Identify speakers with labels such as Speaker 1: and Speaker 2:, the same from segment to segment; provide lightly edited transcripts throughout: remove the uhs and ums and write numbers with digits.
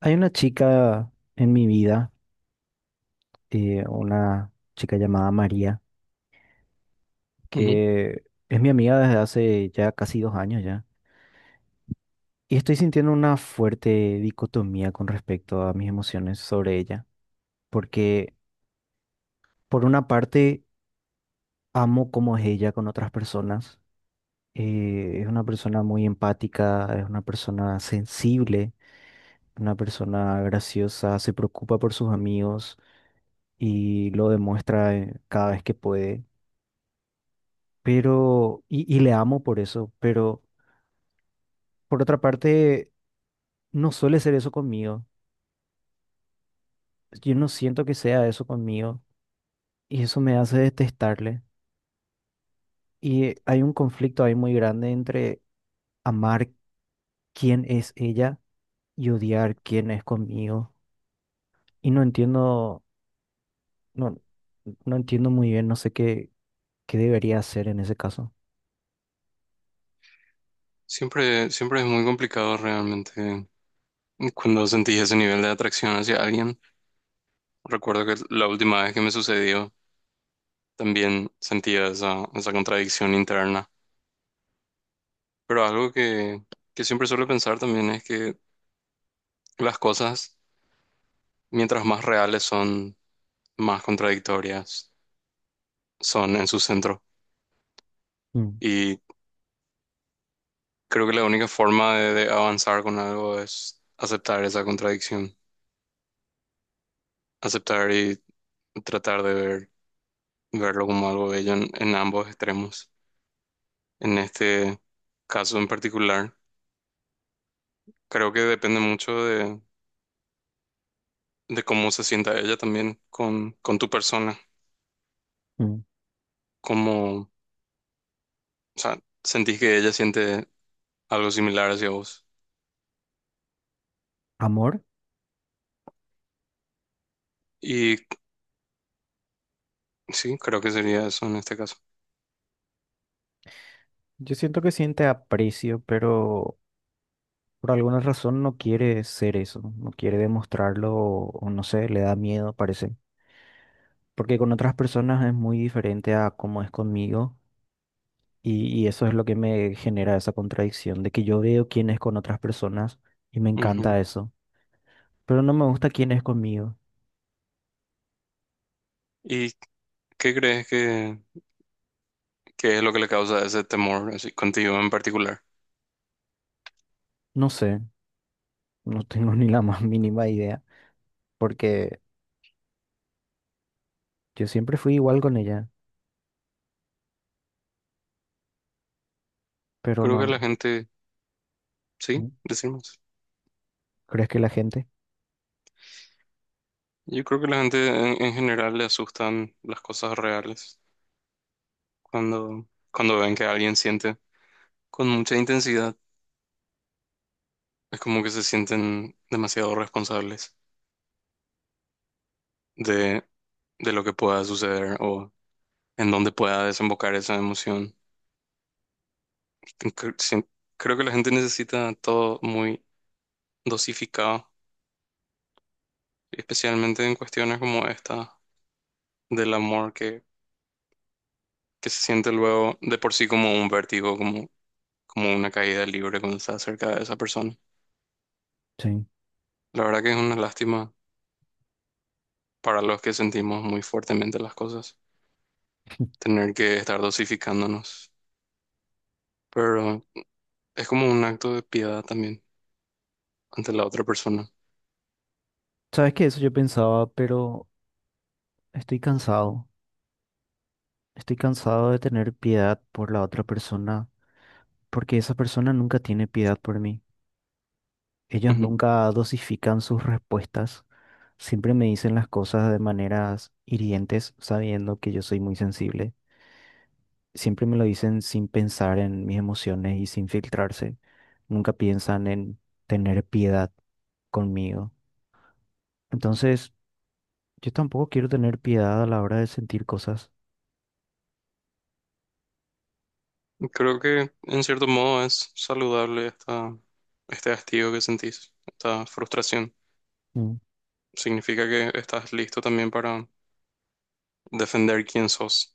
Speaker 1: Hay una chica en mi vida, una chica llamada María,
Speaker 2: Ujú.
Speaker 1: que es mi amiga desde hace ya casi 2 años ya. Y estoy sintiendo una fuerte dicotomía con respecto a mis emociones sobre ella. Porque por una parte amo cómo es ella con otras personas. Es una persona muy empática, es una persona sensible, una persona graciosa, se preocupa por sus amigos y lo demuestra cada vez que puede. Y le amo por eso, pero por otra parte, no suele ser eso conmigo. Yo no siento que sea eso conmigo y eso me hace detestarle. Y hay un conflicto ahí muy grande entre amar quién es ella y odiar quién es conmigo. Y no entiendo, no, no entiendo muy bien, no sé qué debería hacer en ese caso.
Speaker 2: Siempre, siempre es muy complicado realmente cuando sentís ese nivel de atracción hacia alguien. Recuerdo que la última vez que me sucedió también sentía esa contradicción interna. Pero algo que siempre suelo pensar también es que las cosas, mientras más reales son, más contradictorias son en su centro.
Speaker 1: Mm,
Speaker 2: Y creo que la única forma de avanzar con algo es aceptar esa contradicción, aceptar y tratar de verlo como algo bello en ambos extremos. En este caso en particular, creo que depende mucho de cómo se sienta ella también con tu persona,
Speaker 1: mm.
Speaker 2: o sea, sentís que ella siente algo similar hacia vos.
Speaker 1: ¿Amor?
Speaker 2: Y sí, creo que sería eso en este caso.
Speaker 1: Yo siento que siente aprecio, pero... Por alguna razón no quiere ser eso, no quiere demostrarlo o no sé, le da miedo, parece. Porque con otras personas es muy diferente a cómo es conmigo y eso es lo que me genera esa contradicción de que yo veo quién es con otras personas y me
Speaker 2: Ujú.
Speaker 1: encanta eso, pero no me gusta quién es conmigo.
Speaker 2: ¿Y qué crees que es lo que le causa ese temor así contigo en particular?
Speaker 1: No sé, no tengo ni la más mínima idea porque yo siempre fui igual con ella, pero
Speaker 2: Creo que la
Speaker 1: no,
Speaker 2: gente, sí, decimos.
Speaker 1: ¿crees que la gente?
Speaker 2: Yo creo que la gente en general le asustan las cosas reales. Cuando ven que alguien siente con mucha intensidad, es como que se sienten demasiado responsables de, de lo que pueda suceder o en dónde pueda desembocar esa emoción. Cre- sien- Creo que la gente necesita todo muy dosificado, especialmente en cuestiones como esta del amor que se siente luego de por sí como un vértigo, como una caída libre cuando estás cerca de esa persona.
Speaker 1: Sí.
Speaker 2: La verdad que es una lástima para los que sentimos muy fuertemente las cosas. Tener que estar dosificándonos, pero es como un acto de piedad también ante la otra persona.
Speaker 1: ¿Sabes qué? Eso yo pensaba, pero estoy cansado. Estoy cansado de tener piedad por la otra persona, porque esa persona nunca tiene piedad por mí. Ellos
Speaker 2: Ujú.
Speaker 1: nunca dosifican sus respuestas, siempre me dicen las cosas de maneras hirientes, sabiendo que yo soy muy sensible. Siempre me lo dicen sin pensar en mis emociones y sin filtrarse. Nunca piensan en tener piedad conmigo. Entonces, yo tampoco quiero tener piedad a la hora de sentir cosas.
Speaker 2: Creo que en cierto modo es saludable este hastío que sentís, esta frustración.
Speaker 1: Mm.
Speaker 2: Significa que estás listo también para defender quién sos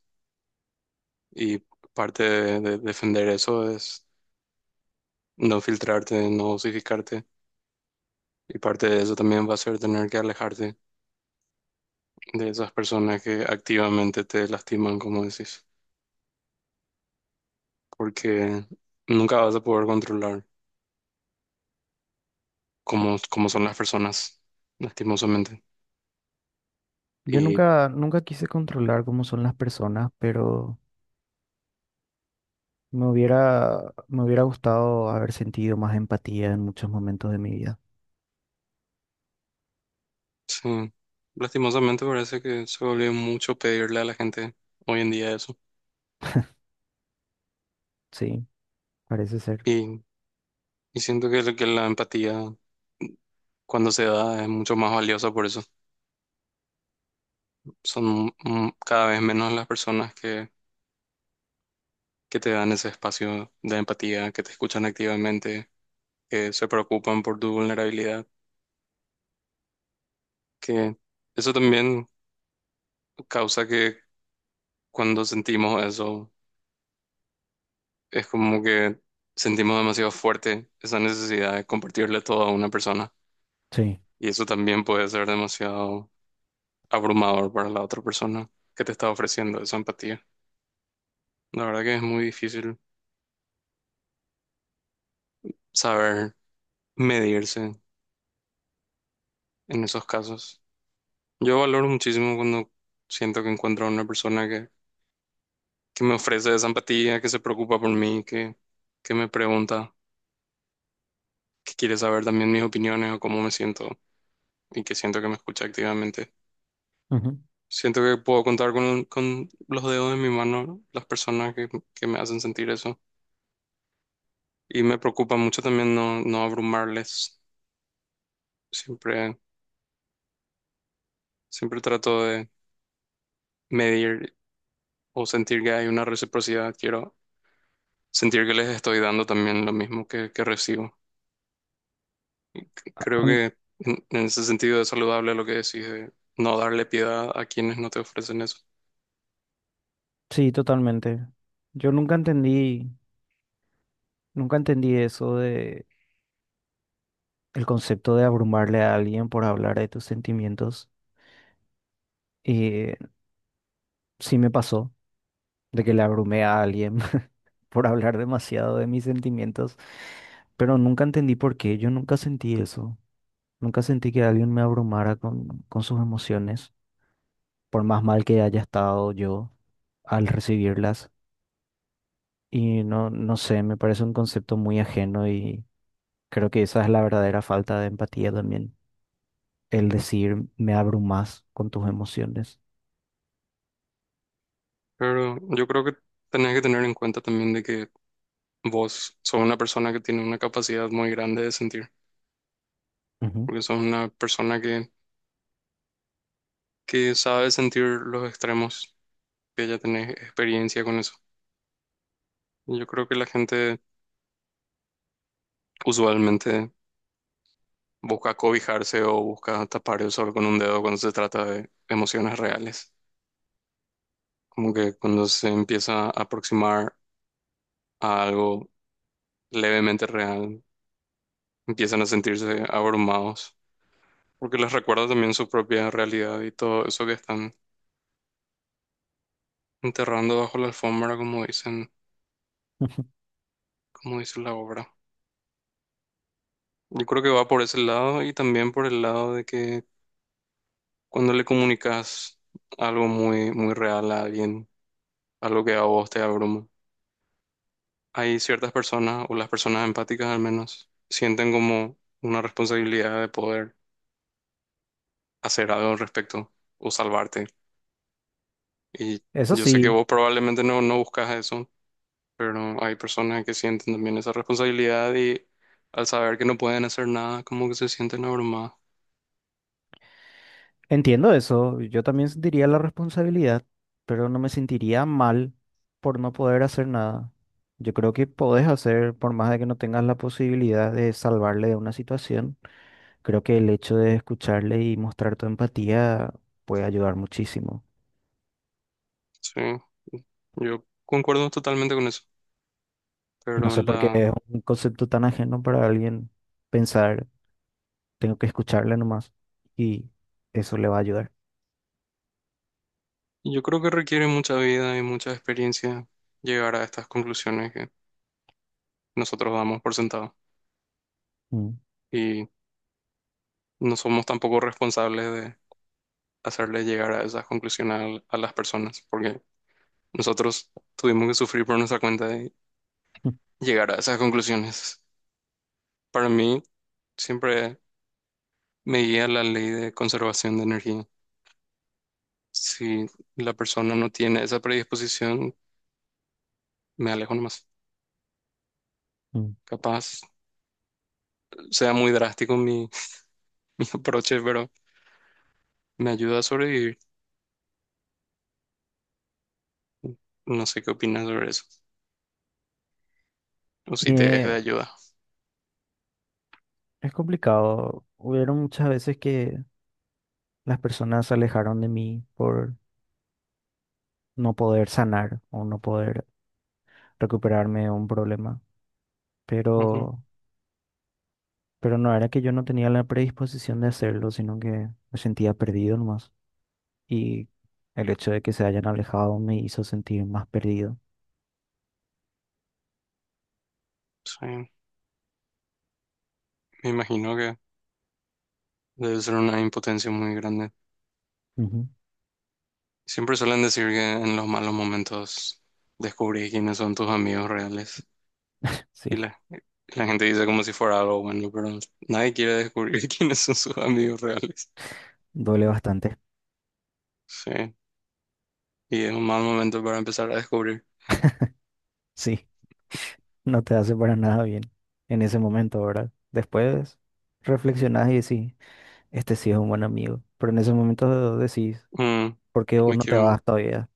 Speaker 2: y parte de defender eso es no filtrarte, no dosificarte y parte de eso también va a ser tener que alejarte de esas personas que activamente te lastiman, como decís. Porque nunca vas a poder controlar cómo son las personas, lastimosamente.
Speaker 1: Yo
Speaker 2: Y
Speaker 1: nunca, nunca quise controlar cómo son las personas, pero... Me hubiera gustado haber sentido más empatía en muchos momentos de mi vida.
Speaker 2: sí, lastimosamente parece que se volvió mucho pedirle a la gente hoy en día eso.
Speaker 1: Sí, parece ser.
Speaker 2: Y, y siento que la empatía cuando se da es mucho más valiosa por eso. Son cada vez menos las personas que te dan ese espacio de empatía, que te escuchan activamente, que se preocupan por tu vulnerabilidad, que eso también causa que cuando sentimos eso es como que sentimos demasiado fuerte esa necesidad de compartirle todo a una persona
Speaker 1: Sí.
Speaker 2: y eso también puede ser demasiado abrumador para la otra persona que te está ofreciendo esa empatía. La verdad que es muy difícil saber medirse en esos casos. Yo valoro muchísimo cuando siento que encuentro a una persona que me ofrece esa empatía, que se preocupa por mí, que me pregunta, que quiere saber también mis opiniones o cómo me siento y que siento que me escucha activamente.
Speaker 1: Ujú.
Speaker 2: Siento que puedo contar con los dedos de mi mano, ¿no?, las personas que me hacen sentir eso. Y me preocupa mucho también no abrumarles. Siempre, siempre trato de medir o sentir que hay una reciprocidad. Quiero sentir que les estoy dando también lo mismo que recibo. Creo
Speaker 1: Am-
Speaker 2: que en ese sentido es saludable lo que decís de no darle piedad a quienes no te ofrecen eso.
Speaker 1: sí, totalmente. Yo nunca nunca entendí eso de el concepto de abrumarle a alguien por hablar de tus sentimientos. Y sí me pasó de que le abrumé a alguien por hablar demasiado de mis sentimientos, pero nunca entendí por qué. Yo nunca sentí eso. Nunca sentí que alguien me abrumara con sus emociones. Por más mal que haya estado yo al recibirlas. Y no, no sé, me parece un concepto muy ajeno y creo que esa es la verdadera falta de empatía también, el decir me abrumas con tus emociones.
Speaker 2: Pero yo creo que tenés que tener en cuenta también de que vos sos una persona que tiene una capacidad muy grande de sentir.
Speaker 1: Ujú.
Speaker 2: Porque sos una persona que sabe sentir los extremos, que ya tenés experiencia con eso. Y yo creo que la gente usualmente busca cobijarse o busca tapar el sol con un dedo cuando se trata de emociones reales. Como que cuando se empieza a aproximar a algo levemente real, empiezan a sentirse abrumados, porque les recuerda también su propia realidad y todo eso que están enterrando bajo la alfombra, como dicen, como dice la obra. Yo creo que va por ese lado y también por el lado de que cuando le comunicas algo muy, muy real a alguien, algo que a vos te abruma, hay ciertas personas, o las personas empáticas al menos, sienten como una responsabilidad de poder hacer algo al respecto o salvarte. Y
Speaker 1: Eso
Speaker 2: yo sé que
Speaker 1: sí,
Speaker 2: vos probablemente no buscas eso, pero hay personas que sienten también esa responsabilidad y al saber que no pueden hacer nada, como que se sienten abrumadas.
Speaker 1: entiendo eso, yo también sentiría la responsabilidad, pero no me sentiría mal por no poder hacer nada. Yo creo que podés hacer, por más de que no tengas la posibilidad de salvarle de una situación. Creo que el hecho de escucharle y mostrar tu empatía puede ayudar muchísimo.
Speaker 2: Sí, yo concuerdo totalmente con eso.
Speaker 1: Y no
Speaker 2: pero
Speaker 1: sé por qué
Speaker 2: la,
Speaker 1: es un concepto tan ajeno para alguien pensar, tengo que escucharle nomás y eso le va a ayudar.
Speaker 2: yo creo que requiere mucha vida y mucha experiencia llegar a estas conclusiones que nosotros damos por sentado
Speaker 1: Mm.
Speaker 2: y no somos tampoco responsables de hacerles llegar a esas conclusiones a las personas, porque nosotros tuvimos que sufrir por nuestra cuenta de llegar a esas conclusiones. Para mí, siempre me guía la ley de conservación de energía. Si la persona no tiene esa predisposición, me alejo nomás.
Speaker 1: Mm.
Speaker 2: Capaz sea muy drástico mi aproche, pero me ayuda a sobrevivir. No sé qué opinas sobre eso. O si te es de
Speaker 1: Eh,
Speaker 2: ayuda.
Speaker 1: es complicado. Hubieron muchas veces que las personas se alejaron de mí por no poder sanar o no poder recuperarme de un problema,
Speaker 2: Ujú,
Speaker 1: pero, pero no era que yo no tenía la predisposición de hacerlo, sino que me sentía perdido nomás. Y el hecho de que se hayan alejado me hizo sentir más perdido.
Speaker 2: sí. Me imagino que debe ser una impotencia muy grande.
Speaker 1: Ujú.
Speaker 2: Siempre suelen decir que en los malos momentos descubrís quiénes son tus amigos reales.
Speaker 1: Sí,
Speaker 2: Y la gente dice como si fuera algo bueno, pero nadie quiere descubrir quiénes son sus amigos reales.
Speaker 1: duele bastante.
Speaker 2: Sí. Y es un mal momento para empezar a descubrir.
Speaker 1: Sí, no te hace para nada bien en ese momento, ¿verdad? Después reflexionás y decís, este sí es un buen amigo, pero en ese momento decís,
Speaker 2: Mm,
Speaker 1: ¿por qué vos
Speaker 2: me
Speaker 1: no te
Speaker 2: quiero.
Speaker 1: vas todavía?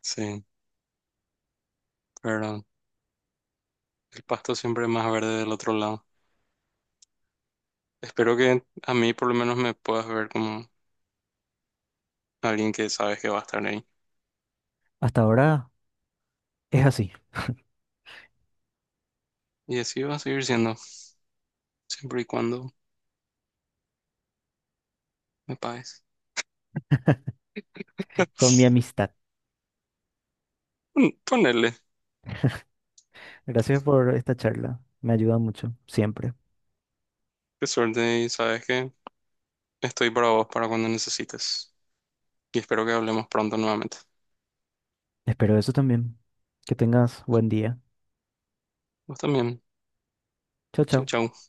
Speaker 2: Sí, pero el pasto siempre es más verde del otro lado. Espero que a mí por lo menos me puedas ver como alguien que sabes que va a estar ahí.
Speaker 1: Hasta ahora es así,
Speaker 2: Y así va a seguir siendo, siempre y cuando me pagues.
Speaker 1: con mi amistad.
Speaker 2: Ponerle,
Speaker 1: Gracias por esta charla, me ayuda mucho, siempre.
Speaker 2: qué suerte y sabes que estoy para vos para cuando necesites. Y espero que hablemos pronto nuevamente.
Speaker 1: Espero eso también. Que tengas buen día.
Speaker 2: Vos también.
Speaker 1: Chao,
Speaker 2: Chau,
Speaker 1: chao.
Speaker 2: chau.